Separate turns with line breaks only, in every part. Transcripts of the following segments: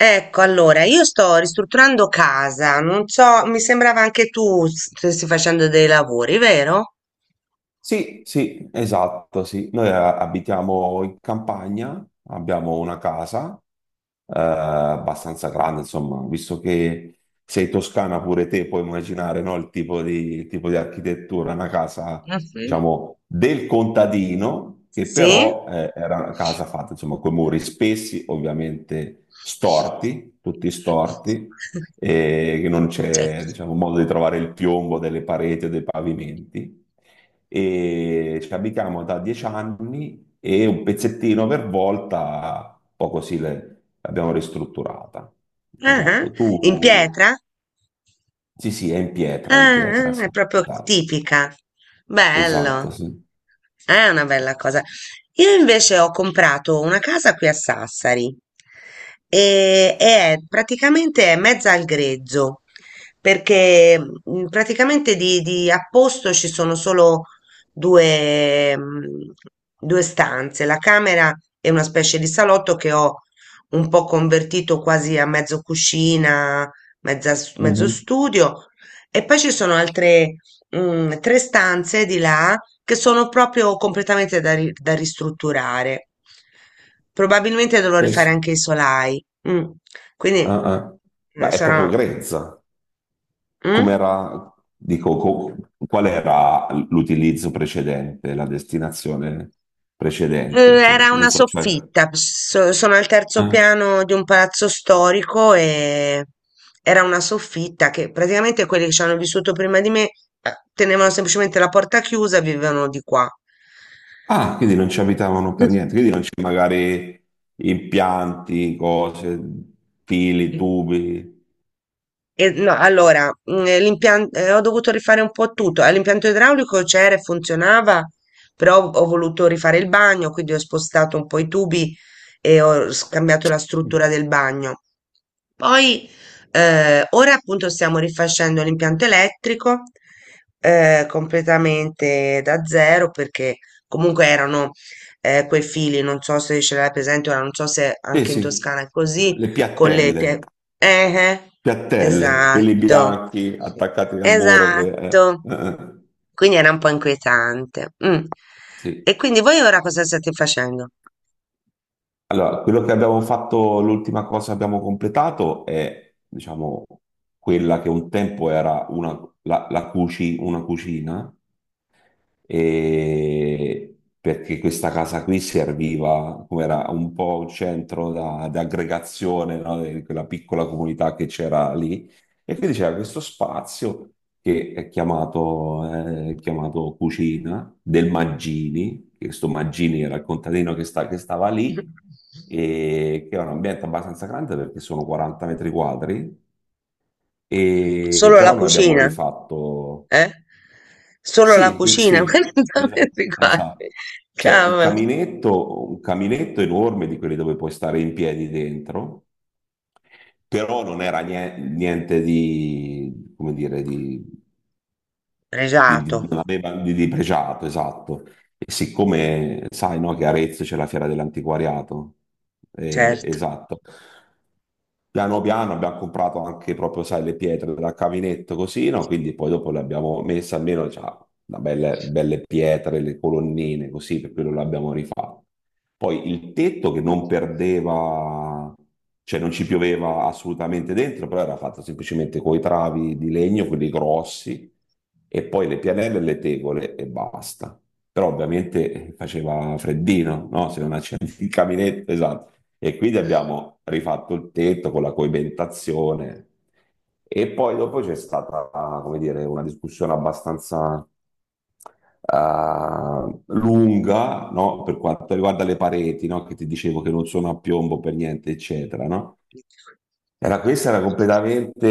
Ecco, allora, io sto ristrutturando casa, non so, mi sembrava anche tu stessi facendo dei lavori, vero?
Sì, sì, esatto, sì. Noi abitiamo in campagna, abbiamo una casa abbastanza grande, insomma, visto che sei toscana pure te, puoi immaginare, no, il tipo di architettura, una casa,
Ah, sì?
diciamo, del contadino, che
Sì?
però era una casa fatta, insomma, con muri spessi, ovviamente storti, tutti storti, e che non
Cioè,
c'è, diciamo, modo di trovare il piombo delle pareti o dei pavimenti e ci abitiamo da 10 anni e un pezzettino per volta, un po' così l'abbiamo ristrutturata.
ah,
Esatto,
in
tu...
pietra?
Sì, sì, è in
Ah,
pietra,
ah, è
sì.
proprio
Esatto,
tipica. Bello.
esatto, sì.
È una bella cosa. Io invece ho comprato una casa qui a Sassari e è praticamente è mezza al grezzo, perché praticamente di apposto ci sono solo due, mm, due stanze, la camera è una specie di salotto che ho un po' convertito quasi a mezzo cucina, mezzo
Mhm.
studio e poi ci sono altre tre stanze di là che sono proprio completamente da ristrutturare. Probabilmente dovrò
Sì,
rifare
sì.
anche i solai. Mm.
Ah,
Quindi
ah. Ma è proprio
sarà.
grezza.
Mm?
Com'era, dico, qual era l'utilizzo precedente, la destinazione
Eh,
precedente? Cioè,
Era
non
una
so, cioè...
soffitta. Sono al terzo
eh?
piano di un palazzo storico e era una soffitta che praticamente quelli che ci hanno vissuto prima di me tenevano semplicemente la porta chiusa e vivevano di qua.
Ah, quindi non ci abitavano per niente, quindi non c'è magari impianti, cose, fili, tubi.
E no, allora, l'impianto, ho dovuto rifare un po' tutto. L'impianto idraulico c'era e funzionava, però ho voluto rifare il bagno, quindi ho spostato un po' i tubi e ho scambiato la struttura del bagno. Poi, ora appunto stiamo rifacendo l'impianto elettrico, completamente da zero, perché comunque erano, quei fili, non so se ce l'hai presente, ora non so se
Sì,
anche in
sì,
Toscana è così,
le
con le
piattelle,
pie- eh, eh.
piattelle, quelli
Esatto,
bianchi attaccati al muro che...
esatto. Quindi era un po' inquietante. Mm.
sì.
E quindi voi ora cosa state facendo?
Allora, quello che abbiamo fatto, l'ultima cosa che abbiamo completato è, diciamo, quella che un tempo era una cucina, e perché questa casa qui serviva come era un po' un centro di aggregazione, no, di quella piccola comunità che c'era lì. E quindi c'era questo spazio che è chiamato Cucina del Maggini, che questo Maggini era il contadino che stava lì, e che è un ambiente abbastanza grande perché sono 40 metri quadri, e,
Solo
però
la
noi abbiamo
cucina?
rifatto.
Eh? Solo la
Sì,
cucina?
sì,
Guarda,
esatto,
metti qua.
esatto. C'è
Cavolo.
un caminetto enorme di quelli dove puoi stare in piedi dentro, però non era niente di, come dire,
Pregiato,
non aveva di pregiato, esatto. E siccome sai, no, che a Arezzo c'è la Fiera dell'Antiquariato,
certo.
esatto. Piano piano abbiamo comprato anche proprio, sai, le pietre da caminetto così, no? Quindi poi dopo le abbiamo messe almeno, cioè, da belle, belle pietre, le colonnine così, per quello l'abbiamo rifatto. Poi il tetto che non perdeva, cioè non ci pioveva assolutamente dentro, però era fatto semplicemente con i travi di legno, quelli grossi, e poi le pianelle e le tegole e basta. Però ovviamente faceva freddino, no? Se non accendi il caminetto, esatto. E quindi abbiamo rifatto il tetto con la coibentazione. E poi dopo c'è stata, come dire, una discussione abbastanza lunga, no? Per quanto riguarda le pareti, no? Che ti dicevo che non sono a piombo per niente, eccetera, no? Era, questa era completamente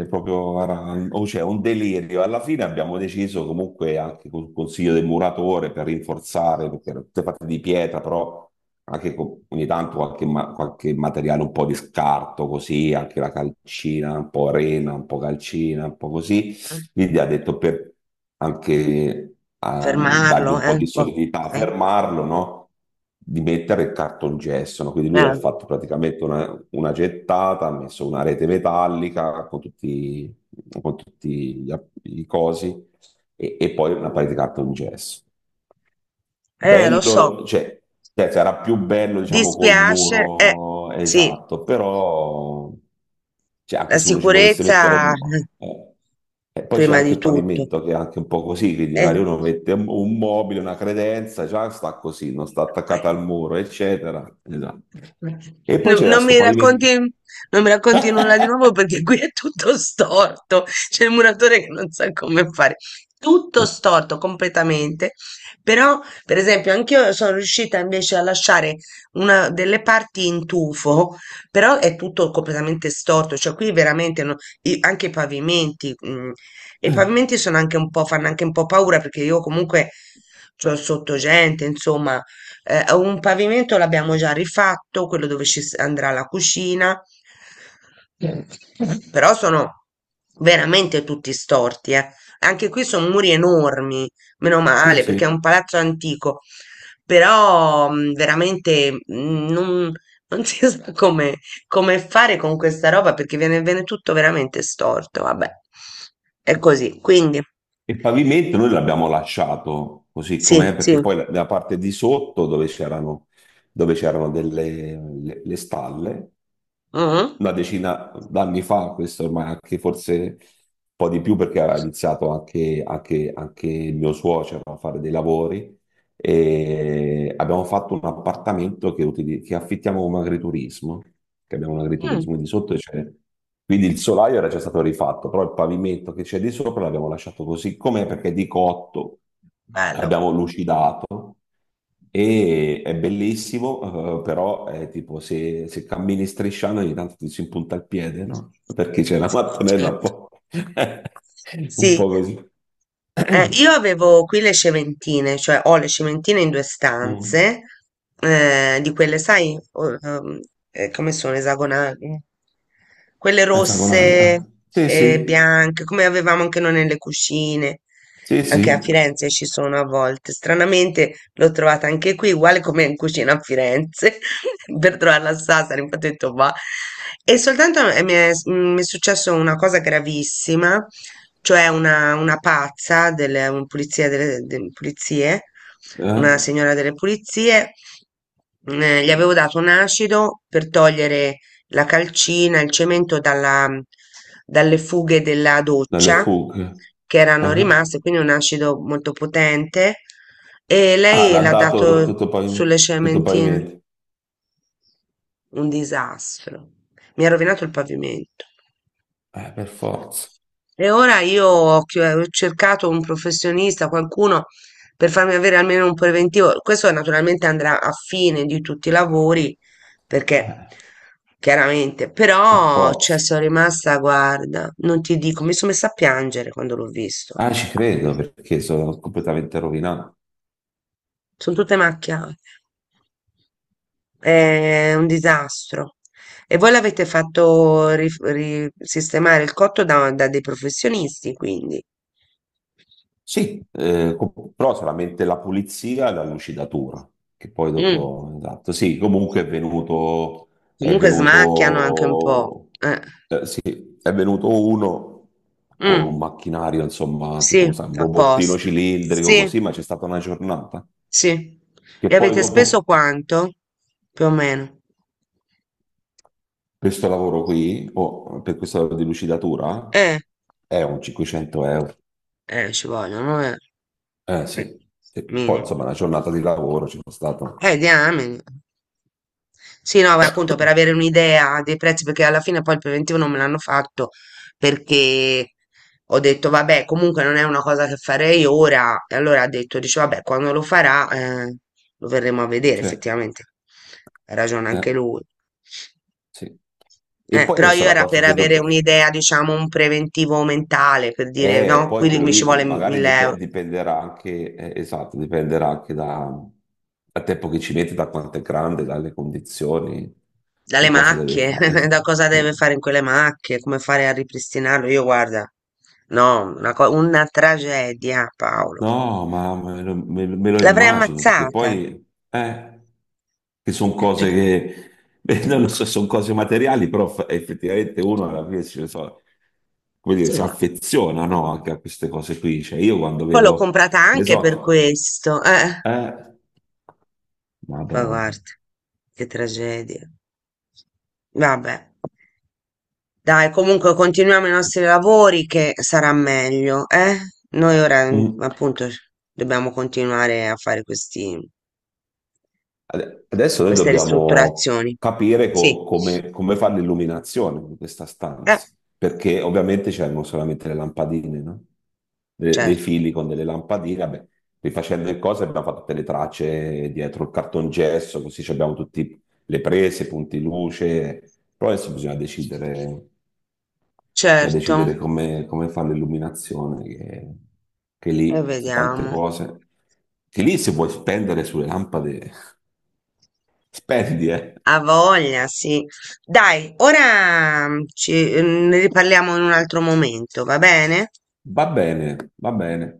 proprio, era- o cioè, un delirio. Alla fine abbiamo deciso comunque anche col consiglio del muratore per rinforzare, perché erano tutte fatte di pietra, però anche con, ogni tanto qualche, qualche materiale un po' di scarto, così, anche la calcina, un po' arena, un po' calcina, un po' così.
Mm.
Quindi ha detto per anche dargli
Fermarlo
un
è
po'
un
di
po'.
solidità,
Eh,
fermarlo, no? Di mettere il cartongesso, no? Quindi lui ha
eh,
fatto praticamente una gettata, ha messo una rete metallica con tutti gli i cosi e poi una parete di cartongesso.
lo so.
Bello, cioè, sarà più bello, diciamo, col
Dispiace.
muro
Sì.
esatto, però cioè, anche
La
se uno ci volesse mettere
sicurezza
un... eh, E poi c'è
prima
anche
di
il
tutto.
pavimento che è anche un po' così, quindi
E
magari uno mette un mobile, una credenza, già sta così, non sta attaccata al muro, eccetera. Esatto. E poi
Non,
c'era
non
questo
mi
pavimento.
racconti, non mi racconti nulla di nuovo perché qui è tutto storto. C'è il muratore che non sa come fare. Tutto storto completamente. Però, per esempio, anch'io sono riuscita invece a lasciare una delle parti in tufo, però è tutto completamente storto. Cioè, qui veramente anche i pavimenti. E i pavimenti sono anche un po', fanno anche un po' paura perché io comunque c'ho sotto gente, insomma. Un pavimento l'abbiamo già rifatto, quello dove ci andrà la cucina, però sono veramente tutti storti, eh. Anche qui sono muri enormi, meno
Sì,
male, perché è un
sì.
palazzo antico, però veramente non si sa come, fare con questa roba perché viene tutto veramente storto, vabbè. È così, quindi
E il pavimento noi l'abbiamo lasciato così
sì,
com'è,
sì.
perché poi la parte di sotto dove c'erano delle le stalle,
Mhm.
una decina d'anni fa, questo ormai anche forse un po' di più perché aveva iniziato anche il mio suocero a fare dei lavori e abbiamo fatto un appartamento che, che affittiamo come agriturismo, che abbiamo un
Mm.
agriturismo, e di sotto c'è, quindi il solaio era già stato rifatto, però il pavimento che c'è di sopra l'abbiamo lasciato così com'è perché è di cotto,
Bello.
abbiamo lucidato e è bellissimo, però è tipo se cammini strisciando ogni tanto ti si impunta il piede, no? Perché c'è la
Sì,
mattonella un
certo.
po', un
Sì,
po' così.
io avevo qui le cementine, cioè ho le cementine in due
Mm.
stanze, di quelle, sai, come sono esagonali? Quelle
Esagonali, eh.
rosse
Sì, sì,
e bianche, come avevamo anche noi nelle cucine,
sì,
anche a
sì,
Firenze ci sono a volte. Stranamente l'ho trovata anche qui, uguale come in cucina a Firenze, per trovarla a Sassari, infatti ho detto va. E soltanto mi è successo una cosa gravissima, cioè una pazza delle un- pulizia delle, de- pulizie,
eh.
una signora delle pulizie. Gli avevo dato un acido per togliere la calcina, il cemento dalle fughe della
Dalle
doccia
fughe.
che erano
Eh.
rimaste, quindi un acido molto potente. E
Ah,
lei
l'ha
l'ha
dato
dato
tutto pavimento.
sulle
Tutto
cementine.
pavimento.
Un disastro. Mi ha rovinato il pavimento.
Per forza,
E ora io ho cercato un professionista, qualcuno per farmi avere almeno un preventivo. Questo naturalmente andrà a fine di tutti i lavori, perché
eh,
chiaramente,
per
però cioè,
forza.
sono rimasta, guarda, non ti dico, mi sono messa a piangere quando l'ho visto.
Ah, ci credo perché sono completamente rovinato.
Son tutte macchiate. È un disastro. E voi l'avete fatto sistemare il cotto da dei professionisti, quindi.
Sì, però solamente la pulizia e la lucidatura, che poi
Mm.
dopo, esatto, sì, comunque è
Comunque smacchiano anche un po'.
venuto,
Eh.
sì, è venuto uno con un
Mm.
macchinario, insomma,
Sì,
tipo sai, un robottino
apposta.
cilindrico
Sì,
così, ma c'è stata una giornata
sì.
che
E
poi
avete speso
dopo
quanto? Più o meno.
questo lavoro qui, o per questo lavoro di lucidatura,
Eh,
è un 500 euro.
ci vogliono, eh.
Eh
Eh,
sì, sì. Poi
Minimo.
insomma una giornata di lavoro c'è stata.
Diamine. Sì, no, beh, appunto per avere un'idea dei prezzi, perché alla fine poi il preventivo non me l'hanno fatto perché ho detto, vabbè, comunque non è una cosa che farei ora. E allora ha detto, dice, vabbè, quando lo farà, lo verremo a vedere,
Cioè,
effettivamente. Ha ragione anche
eh,
lui.
sì. E
Eh,
poi
però
adesso
io
la
era per
cosa che
avere
dobbiamo...
un'idea, diciamo, un preventivo mentale, per dire, no,
Poi
qui
quello
mi ci
lì
vuole
magari
1000 euro.
dipenderà anche, esatto, dipenderà anche da, dal tempo che ci mette, da quanto è grande, dalle condizioni,
Dalle
che cosa deve
macchie,
fare.
da cosa
Eh.
deve fare in quelle macchie, come fare a ripristinarlo? Io guarda, no, una tragedia, Paolo.
No, ma me lo
L'avrei
immagino perché
ammazzata.
poi, che sono cose che, beh, non lo so, sono cose materiali, però effettivamente uno alla fine come dire, si
No.
affeziona, no, anche a queste cose qui. Cioè, io quando
Poi l'ho
vedo,
comprata
ne
anche per
so,
questo. Eh,
eh,
ma
Madonna.
guarda, che tragedia. Vabbè, dai, comunque continuiamo i nostri lavori che sarà meglio, eh? Noi ora,
Mm.
appunto, dobbiamo continuare a fare questi
Adesso noi
Queste
dobbiamo
ristrutturazioni.
capire
Sì,
come fare l'illuminazione di questa
eh,
stanza, perché ovviamente c'erano solamente le lampadine, no? Dei
certo,
fili con delle lampadine, vabbè, rifacendo le cose abbiamo fatto tutte le tracce dietro il cartongesso, così ci abbiamo tutte le prese, i punti luce, però adesso bisogna decidere
certo,
come, fare l'illuminazione, che
e
lì sono tante
vediamo.
cose, che lì se vuoi spendere sulle lampade, spendi, eh.
Ha voglia, sì. Dai, ora ci, ne riparliamo in un altro momento, va bene?
Va bene, va bene.